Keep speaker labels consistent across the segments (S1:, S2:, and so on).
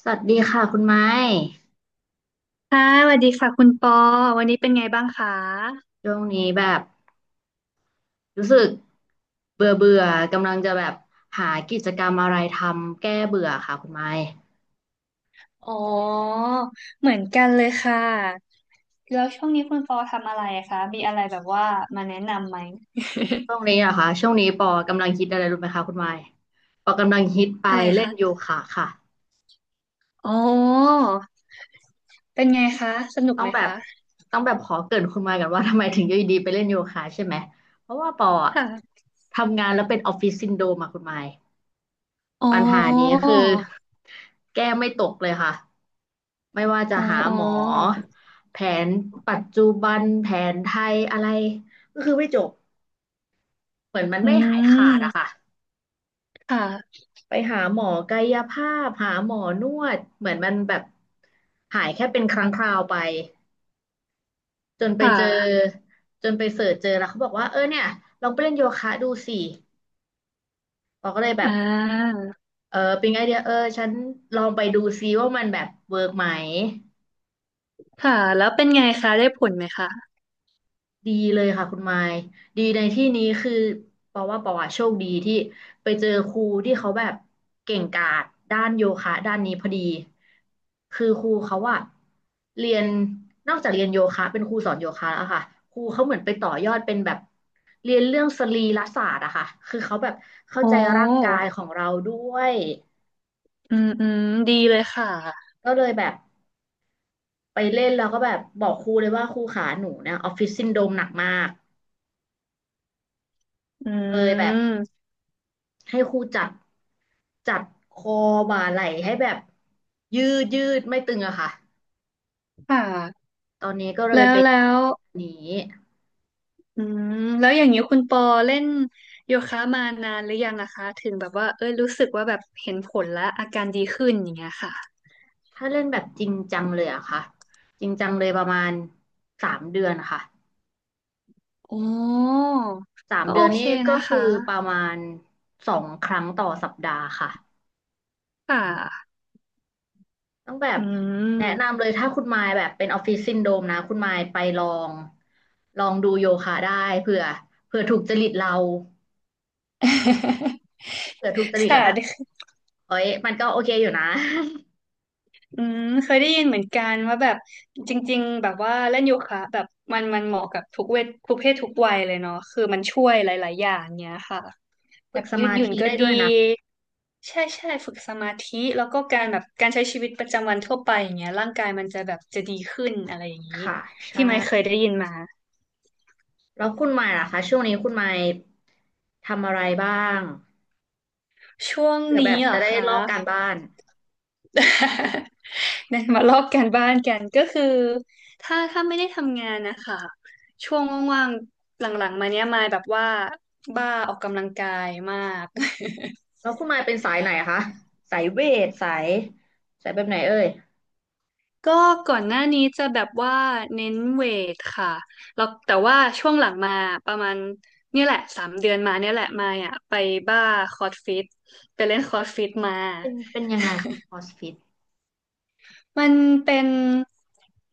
S1: สวัสดีค่ะคุณไม้
S2: ค่ะสวัสดีค่ะคุณปอวันนี้เป็นไงบ้างคะ
S1: ช่วงนี้แบบรู้สึกเบื่อเบื่อกำลังจะแบบหากิจกรรมอะไรทำแก้เบื่อค่ะคุณไม้
S2: อ๋อเหมือนกันเลยค่ะแล้วช่วงนี้คุณปอทำอะไรคะมีอะไรแบบว่ามาแนะนำไหม
S1: ช่วงนี้อะค่ะช่วงนี้ปอกำลังฮิตอะไรรู้ไหมคะคุณไม้ปอกำลังฮิตไป
S2: อะไร
S1: เล่นโย
S2: คะ
S1: คะค่ะ
S2: อ๋อเป็นไงคะสนุก
S1: ต้อ
S2: ไห
S1: ง
S2: ม
S1: แบบ
S2: คะ
S1: ต้องแบบขอเกริ่นคุณไม้กันว่าทำไมถึงอยู่ดีๆไปเล่นโยคะใช่ไหมเพราะว่าปออะ
S2: ค่ะ
S1: ทำงานแล้วเป็นออฟฟิศซินโดรมอะคุณไม้
S2: อ๋อ
S1: ปัญหานี้คือแก้ไม่ตกเลยค่ะไม่ว่าจะ
S2: อ๋อ
S1: หา
S2: อ๋อ
S1: หมอแผนปัจจุบันแผนไทยอะไรก็คือไม่จบเหมือนมัน
S2: อื
S1: ไม่หายขาดอะค่ะ
S2: มค่ะ
S1: ไปหาหมอกายภาพหาหมอนวดเหมือนมันแบบหายแค่เป็นครั้งคราวไปจนไป
S2: ค่
S1: เจอ
S2: ะ
S1: จนไปเสิร์ชเจอแล้วเขาบอกว่าเออเนี่ยลองไปเล่นโยคะดูสิเราก็เลยแบ
S2: อ่
S1: บ
S2: า
S1: เออเป็นไอเดียเออฉันลองไปดูซิว่ามันแบบเวิร์กไหม
S2: ค่ะแล้วเป็นไงคะได้ผลไหมคะ
S1: ดีเลยค่ะคุณไมค์ดีในที่นี้คือเพราะว่าปอว่าโชคดีที่ไปเจอครูที่เขาแบบเก่งกาจด้านโยคะด้านนี้พอดีคือครูเขาอะเรียนนอกจากเรียนโยคะเป็นครูสอนโยคะแล้วอค่ะครูเขาเหมือนไปต่อยอดเป็นแบบเรียนเรื่องสรีรศาสตร์อะค่ะคือเขาแบบเข้า
S2: อ๋อ
S1: ใจร่างกายของเราด้วย
S2: อืมอืมดีเลยค่ะ
S1: ก็เลยแบบไปเล่นแล้วก็แบบบอกครูเลยว่าครูขาหนูเนี่ยออฟฟิศซินโดรมหนักมาก
S2: อื
S1: เลยแบบ
S2: ม
S1: ให้ครูจัดคอบ่าไหล่ให้แบบยืดยืดไม่ตึงอะค่ะ
S2: ค่ะ
S1: ตอนนี้ก็เลย
S2: แล้ว
S1: เป็น
S2: แล้ว
S1: อันนี้
S2: อืมแล้วอย่างนี้คุณปอเล่นโยคะมานานหรือยังนะคะถึงแบบว่าเอ้ยรู้สึกว่าแบบเห็นผลและอาการดีขึ้นอย่างเงี้ยค่ะ
S1: ถ้าเล่นแบบจริงจังเลยอะค่ะจริงจังเลยประมาณสามเดือนค่ะ
S2: อ๋อ
S1: สาม
S2: ก็
S1: เดื
S2: โอ
S1: อน
S2: เค
S1: นี้ก็
S2: นะ
S1: คื
S2: คะ
S1: อประมาณ2 ครั้งต่อสัปดาห์ค่ะ
S2: ค่ะ
S1: ต้องแบบ
S2: อื
S1: แนะ
S2: ม
S1: นำเลยถ้าคุณมายแบบเป็นออฟฟิศซินโดรมนะคุณมายไปลองลองดูโยคะได้เผื่อเผื่อถูกจริตเราเผื่อถูกจ ริตแล้
S2: ค่ะ
S1: ว แบบเอ้ยมันก็โอเคอยู่นะ
S2: อืมเคยได้ยินเหมือนกันว่าแบบจริงๆแบบว่าเล่นโยคะแบบมันเหมาะกับทุกเวททุกเพศทุกวัยเลยเนาะคือมันช่วยหลายๆอย่างเนี้ยค่ะแบ
S1: ฝึก
S2: บ
S1: ส
S2: ยืด
S1: มา
S2: หยุ่น
S1: ธิ
S2: ก็
S1: ได้
S2: ดี
S1: ด้วยนะ
S2: ใช่ใช่ฝึกสมาธิแล้วก็การแบบการใช้ชีวิตประจำวันทั่วไปอย่างเงี้ยร่างกายมันจะแบบจะดีขึ้นอะไรอย่างนี้
S1: ค่ะใช่
S2: ที่ไม่เคยได้ยินมา
S1: แล้วคุณหมายล่ะคะช่วงนี้คุณหมายทำอะไรบ้าง
S2: ช่วง
S1: เผื่อ
S2: นี้
S1: แบบ
S2: เหร
S1: จะ
S2: อ
S1: ได้
S2: คะ
S1: ลอกการบ้าน
S2: เนี่ย มาลอกการบ้านกันก็คือถ้าไม่ได้ทำงานนะคะช่วงว่างๆหลังๆมาเนี้ยมายแบบว่าบ้าออกกำลังกายมาก
S1: แล้วคุณหมายเป็นสายไหนคะสายเวทสายสายแบบไหนเอ่ย
S2: ก็ก่อนหน้านี้จะแบบว่าเน้นเวทค่ะแล้วแต่ว่าช่วงหลังมาประมาณเนี่ยแหละสามเดือนมาเนี่ยแหละมาอ่ะไปบ้าคอร์สฟิตไปเล่นคอร์สฟิตมา
S1: เป็นเป็นยังไงคะคอสฟิต
S2: มันเป็น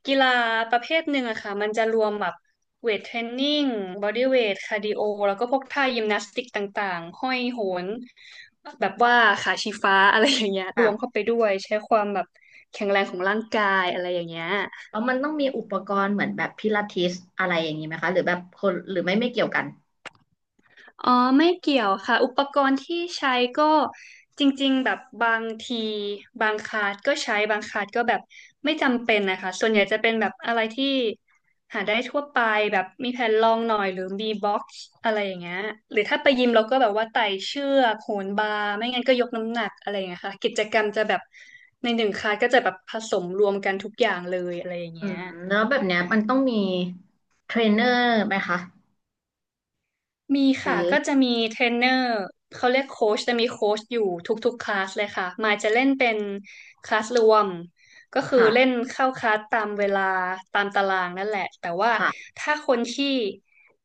S2: กีฬาประเภทหนึ่งอะค่ะ มันจะรวมแบบเวทเทรนนิ่งบอดี้เวทคาร์ดิโอแล้วก็พวกท่ายิมนาสติกต่างๆห้อยโหนแบบว่าขาชี้ฟ้าอะไรอย่างเงี้ยรว
S1: แบบ
S2: มเข้าไปด้วยใช้ความแบบแข็งแรงของร่างกายอะไรอย่างเงี้ย
S1: แล้วมันต้องมีอุปกรณ์เหมือนแบบพิลาทิสอะไรอย่างนี้ไหมคะหรือแบบคนหรือไม่ไม่เกี่ยวกัน
S2: อ๋อไม่เกี่ยวค่ะอุปกรณ์ที่ใช้ก็จริงๆแบบบางทีบางคลาสก็ใช้บางคลาสก็แบบไม่จำเป็นนะคะส่วนใหญ่จะเป็นแบบอะไรที่หาได้ทั่วไปแบบมีแผ่นรองหน่อยหรือมีบ็อกซ์อะไรอย่างเงี้ยหรือถ้าไปยิมเราก็แบบว่าไต่เชือกโหนบาร์ไม่งั้นก็ยกน้ำหนักอะไรอย่างเงี้ยค่ะกิจกรรมจะแบบในหนึ่งคลาสก็จะแบบผสมรวมกันทุกอย่างเลยอะไรอย่าง
S1: อื
S2: เงี้
S1: ม
S2: ย
S1: แล้วแบบเนี้ยมันต้องมีเทรนเนอร์ไหมคะ
S2: มี
S1: ห
S2: ค่ะ
S1: รือ
S2: ก็จะมีเทรนเนอร์เขาเรียกโค้ชจะมีโค้ชอยู่ทุกๆคลาสเลยค่ะมายจะเล่นเป็นคลาสรวมก็คือ
S1: ค่ะ
S2: เล่นเข้าคลาสตามเวลาตามตารางนั่นแหละแต่ว่า
S1: ค่ะ
S2: ถ้าคนที่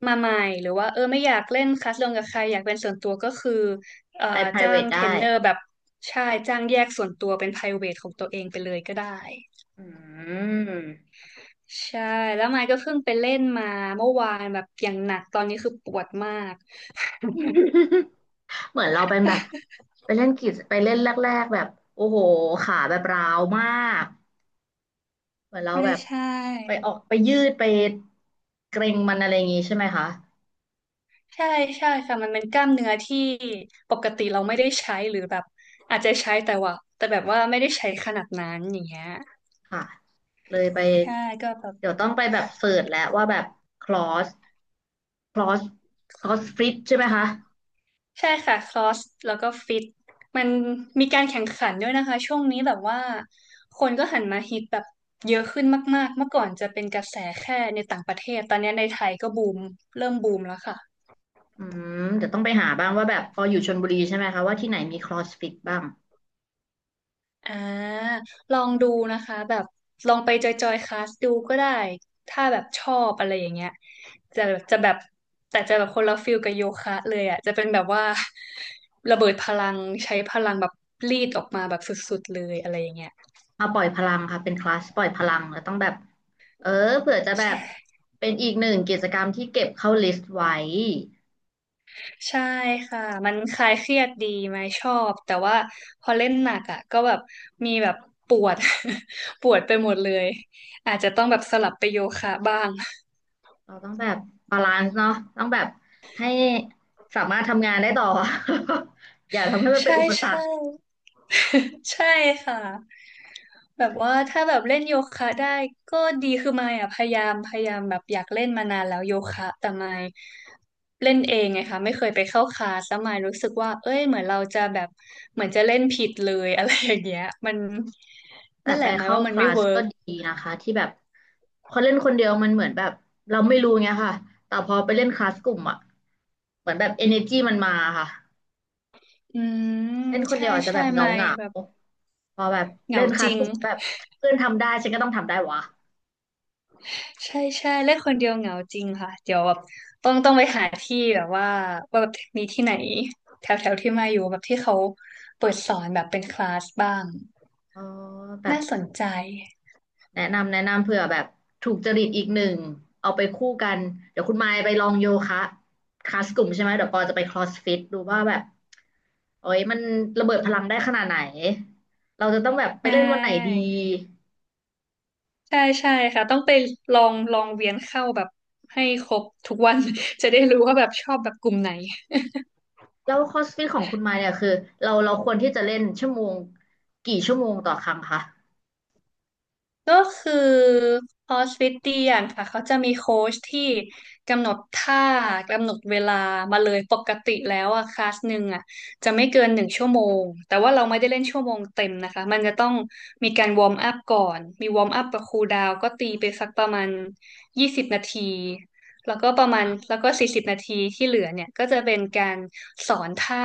S2: มาใหม่หรือว่าเออไม่อยากเล่นคลาสรวมกับใครอยากเป็นส่วนตัวก็คือเอ่อ
S1: ไป
S2: จ้าง
S1: private
S2: เทร
S1: ได้
S2: นเนอร์แบบใช่จ้างแยกส่วนตัวเป็น private ของตัวเองไปเลยก็ได้
S1: อืม
S2: ใช่แล้วมายก็เพิ่งไปเล่นมาเมื่อวานแบบอย่างหนักตอนนี้คือปวดมาก
S1: เหมือนเราเป็นแบบไปเล่นกีฬาไปเล่นแรกๆแบบโอ้โหขาแบบร้าวมากเหมือนเรา
S2: ใช่
S1: แบบ
S2: ใช่
S1: ไปออกไปยืดไปเกร็งมันอะไรอย่างงี้ใช่ไหมคะ
S2: ใช่ใช่ค่ะมันเป็นกล้ามเนื้อที่ปกติเราไม่ได้ใช้หรือแบบอาจจะใช้แต่ว่าแบบว่าไม่ได้ใช้ขนาดนั้นอย่างเงี้ย
S1: ค่ะเลยไป
S2: ใช่ก็แบบ
S1: เดี๋ยวต้องไปแบบเสิร์ชแล้วว่าแบบคลอสคลอสคลอสฟิตใช่ไหมคะ
S2: ใช่ค่ะครอสแล้วก็ฟิตมันมีการแข่งขันด้วยนะคะช่วงนี้แบบว่าคนก็หันมาฮิตแบบเยอะขึ้นมากๆเมื่อก่อนจะเป็นกระแสแค่ในต่างประเทศตอนนี้ในไทยก็บูมเริ่มบูมแล้วค่ะ
S1: อืมเดี๋ยวต้องไปหาบ้างว่าแบบพออยู่ชลบุรีใช่ไหมคะว่าที่ไหนมีคลอสฟิตบ้าง
S2: อ่าลองดูนะคะแบบลองไปจอยคลาสดูก็ได้ถ้าแบบชอบอะไรอย่างเงี้ยจะจะแบบแต่จะแบบคนละฟิลกับโยคะเลยอ่ะจะเป็นแบบว่า ระเบิดพลังใช้พลังแบบรีดออกมาแบบสุดๆเลยอะไรอย่างเงี้ย
S1: มาปล่อยพลังค่ะเป็นคลาสปล่อยพลังแล้วต้องแบบเออเผื่อจะ
S2: ใ
S1: แบบ
S2: ช่
S1: เป็นอีกหนึ่งกิจกรรมที่เก็บเข้าลิสต์ไว้
S2: ใช่ค่ะมันคลายเครียดดีไหมชอบแต่ว่าพอเล่นหนักอ่ะก็แบบมีแบบปวด ปวดไปหมดเลยอาจจะต้องแบบสลับไปโยคะบ้าง
S1: เราต้องแบบบาลานซ์เนาะต้องแบบให้สามารถทำงานได้ต่อ อย่าทำให้มันเป็น
S2: ใช่
S1: อุปสร
S2: ใช่
S1: รค
S2: ใช่ค่ะแบบว่าถ้าแบบเล่นโยคะได้ก็ดีคือมายอ่ะพยายามแบบอยากเล่นมานานแล้วโยคะแต่มายเล่นเองไงคะไม่เคยไปเข้าคลาสแล้วมายรู้สึกว่าเอ้ยเหมือนเราจะแบบเหมือนจะเล่นผิดเลย อะไรอย่างเงี้ยมัน
S1: แต่
S2: นั่นแห
S1: ไป
S2: ละหมาย
S1: เข้า
S2: ว่ามั
S1: ค
S2: น
S1: ลา
S2: ไม่
S1: ส
S2: เวิ
S1: ก็
S2: ร์ก
S1: ดีนะคะที่แบบพอเล่นคนเดียวมันเหมือนแบบเราไม่รู้ไงค่ะแต่พอไปเล่นคลาสกลุ่มอ่ะเหมือนแบบ energy มันมาค่ะ
S2: อืม
S1: เล่นคน
S2: ใช่
S1: เดียวอาจจะ
S2: ใช่
S1: แบบเหงา
S2: มา
S1: เห
S2: ย
S1: งา
S2: แบบ
S1: พอแบบ
S2: เห
S1: เล่
S2: งา
S1: นค
S2: จ
S1: ลาส
S2: ริง
S1: กลุ่มแบบเพื่อนทำได้ฉันก็ต้องทำได้วะ
S2: ใช่ใช่เล่นคนเดียวเหงาจริงค่ะเดี๋ยวแบบต้องไปหาที่แบบว่าว่าแบบมีที่ไหนแถวแถวที่มาอยู่แบบที่เขาเปิดสอนแบบเป็นคลาสบ้าง
S1: อ๋อแบบ
S2: น่าสนใจ
S1: แนะนำเผื่อแบบถูกจริตอีกหนึ่งเอาไปคู่กันเดี๋ยวคุณมายไปลองโยคะคลาสกลุ่มใช่ไหมเดี๋ยวปอจะไปครอสฟิตดูว่าแบบโอ้ยมันระเบิดพลังได้ขนาดไหนเราจะต้องแบบไป
S2: ใช
S1: เล่นวันไหนดี
S2: ่ใช่ใช่ค่ะต้องไปลองเวียนเข้าแบบให้ครบทุกวัน จะได้รู้ว่าแบบชอบแบบกลุ่มไหน
S1: แล้วครอสฟิตของคุณมายเนี่ยคือเราควรที่จะเล่นชั่วโมงกี่ชั่วโมงต่อครั้งคะ
S2: ก็คือคอร์สฟิตเตียนค่ะเขาจะมีโค้ชที่กำหนดท่ากำหนดเวลามาเลยปกติแล้วอะคลาสหนึ่งอะจะไม่เกินหนึ่งชั่วโมงแต่ว่าเราไม่ได้เล่นชั่วโมงเต็มนะคะมันจะต้องมีการวอร์มอัพก่อนมีวอร์มอัพกับคูลดาวน์ก็ตีไปสักประมาณยี่สิบนาที แล้วก็ประมาณแล้วก็40 นาทีที่เหลือเนี่ยก็จะเป็นการสอนท่า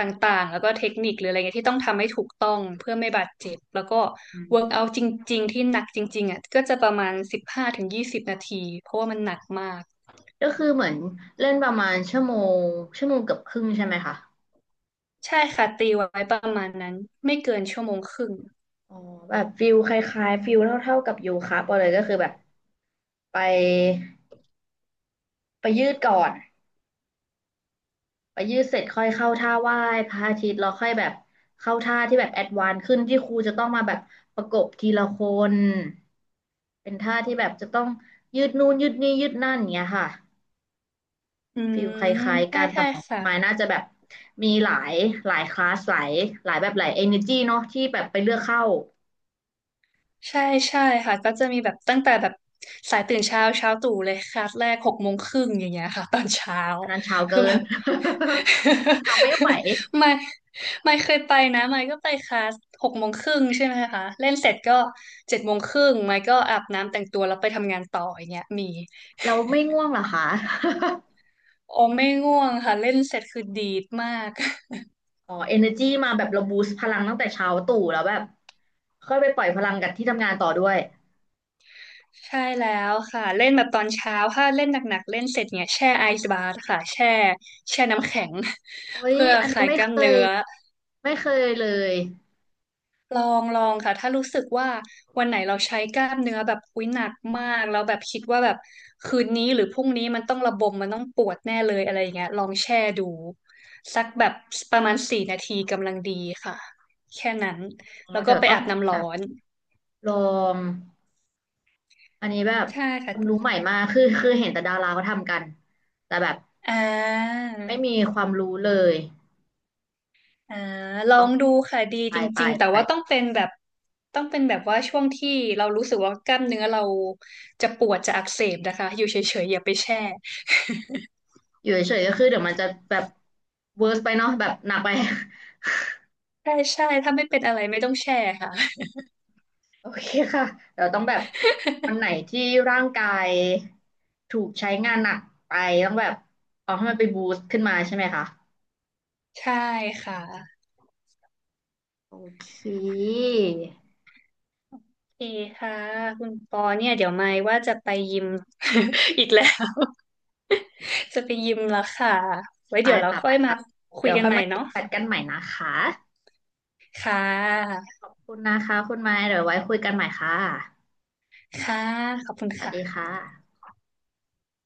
S2: ต่างๆแล้วก็เทคนิคหรืออะไรเงี้ยที่ต้องทำให้ถูกต้องเพื่อไม่บาดเจ็บแล้วก็
S1: อืม
S2: work out จริงๆที่หนักจริงๆอ่ะก็จะประมาณ15-20 นาทีเพราะว่ามันหนักมาก
S1: ก็คือเหมือนเล่นประมาณงชั่วโมงเกือบครึ่งใช่ไหมคะ
S2: ใช่ค่ะตีไว้ประมาณนั้นไม่เกินชั่วโมงครึ่ง
S1: อ๋อแบบฟิลคล้ายๆฟิลเท่าๆกับโยคะไปเลยก็คือแบบไปไปยืดก่อนไปยืดเสร็จค่อยเข้าท่าไหว้พระอาทิตย์แล้วค่อยแบบเข้าท่าที่แบบแอดวานซ์ขึ้นที่ครูจะต้องมาแบบประกบทีละคนเป็นท่าที่แบบจะต้องยืดนู่นยืดนี่ยืดนั่นอย่างเงี้ยค่ะ
S2: อื
S1: ฟิ
S2: ม
S1: ลคล้ายๆ
S2: ใช่
S1: กันแต่
S2: ใช่
S1: ของ
S2: ค่ะ
S1: ไม้น่าจะแบบมีหลายหลายคลาสหลายหลายแบบหลายเอเนจีเนาะที่แบบไปเลือกเข้า
S2: ใช่ใช่ค่ะก็จะมีแบบตั้งแต่แบบสายตื่นเช้าเช้าตรู่เลยคลาสแรกหกโมงครึ่งอย่างเงี้ยค่ะตอนเช้า
S1: อันนั้นเช้า
S2: คือ
S1: เกิ
S2: แบ
S1: น
S2: บ
S1: ทำไม่ไหว
S2: ไม่ไม่เคยไปนะไม่ก็ไปคลาสหกโมงครึ่งใช่ไหมคะเล่นเสร็จก็7:30ไม่ก็อาบน้ำแต่งตัวแล้วไปทำงานต่ออย่างเงี้ยมี
S1: เราไม่ง่วงเหรอคะ
S2: โอไม่ง่วงค่ะเล่นเสร็จคือดีดมาก
S1: อ๋อเอเนจีมาแบบเราบูสต์พลังตั้งแต่เช้าตู่แล้วแบบค่อยไปปล่อยพลังกับที่ทำงานต่อด้วย
S2: ใช่แล้วค่ะเล่นแบบตอนเช้าถ้าเล่นหนักๆเล่นเสร็จเนี่ยแช่ไอซ์บาร์ค่ะแช่น้ำแข็ง
S1: โอ้ ย
S2: เพื่อ
S1: อัน
S2: ค
S1: นี้
S2: ลายกล้าม
S1: ย
S2: เนื้อ
S1: ไม่เคยเลย
S2: ลองลองค่ะถ้ารู้สึกว่าวันไหนเราใช้กล้ามเนื้อแบบอุ้ยหนักมากแล้วแบบคิดว่าแบบคืนนี้หรือพรุ่งนี้มันต้องระบมมันต้องปวดแน่เลยอะไรอย่างเงี้ยลองแช่ดูสักแบบประมาณ4 นาทีกำลังดีค่ะแค่นั้น
S1: อ๋อ
S2: แล้วก็
S1: เดี๋ยว
S2: ไป
S1: ต้อง
S2: อาบน้ำ
S1: แบ
S2: ร้อ
S1: บ
S2: น
S1: ลองอันนี้แบบ
S2: ใช่
S1: ค
S2: ค่ะ
S1: วามรู้ใหม่มากคือคือเห็นแต่ดาราเขาทำกันแต่แบบ
S2: อ่า
S1: ไม่มีความรู้เลย
S2: อ่าลอ
S1: ต้อง
S2: งดูค่ะดี
S1: ไป
S2: จ
S1: ไป
S2: ริงๆแต่
S1: ไป
S2: ว่าต้องเป็นแบบต้องเป็นแบบว่าช่วงที่เรารู้สึกว่ากล้ามเนื้อเราจะปวดจะอักเสบนะคะอยู่เฉยๆอย่าไปแช่
S1: อยู่เฉยๆก็คือเดี๋ยวมันจะแบบเวิร์สไปเนาะแบบหนักไป
S2: ใช่ใช่ถ้าไม่เป็นอะไรไม่ต้องแชร์ค่ะ
S1: โอเคค่ะเดี๋ยวต้องแบบวัน ไหนที่ร่างกายถูกใช้งานหนักไปต้องแบบเอาให้มันไปบูสต์ขึ้นมาใช่ไหมคะ
S2: ใช่ค่ะ
S1: โอเค
S2: โอเคค่ะคุณปอเนี่ยเดี๋ยวไม่ว่าจะไปยิม อีกแล้ว จะไปยิมแล้วค่ะไว้
S1: ไป
S2: เดี๋ยวเรา
S1: ค่ะ
S2: ค่
S1: ไป
S2: อยมา
S1: ค่ะ
S2: คุ
S1: เดี๋
S2: ย
S1: ยว
S2: กัน
S1: ค่อย
S2: ใหม่
S1: มาคิด
S2: เนาะ
S1: แบทกันใหม่นะคะ
S2: ค่ะ
S1: ขอบคุณนะคะคุณไม้เดี๋ยวไว้คุยกันใหม่ค่ะ
S2: ค่ะขอบคุณ
S1: สวัสดี
S2: ค่ะ
S1: ค่ะ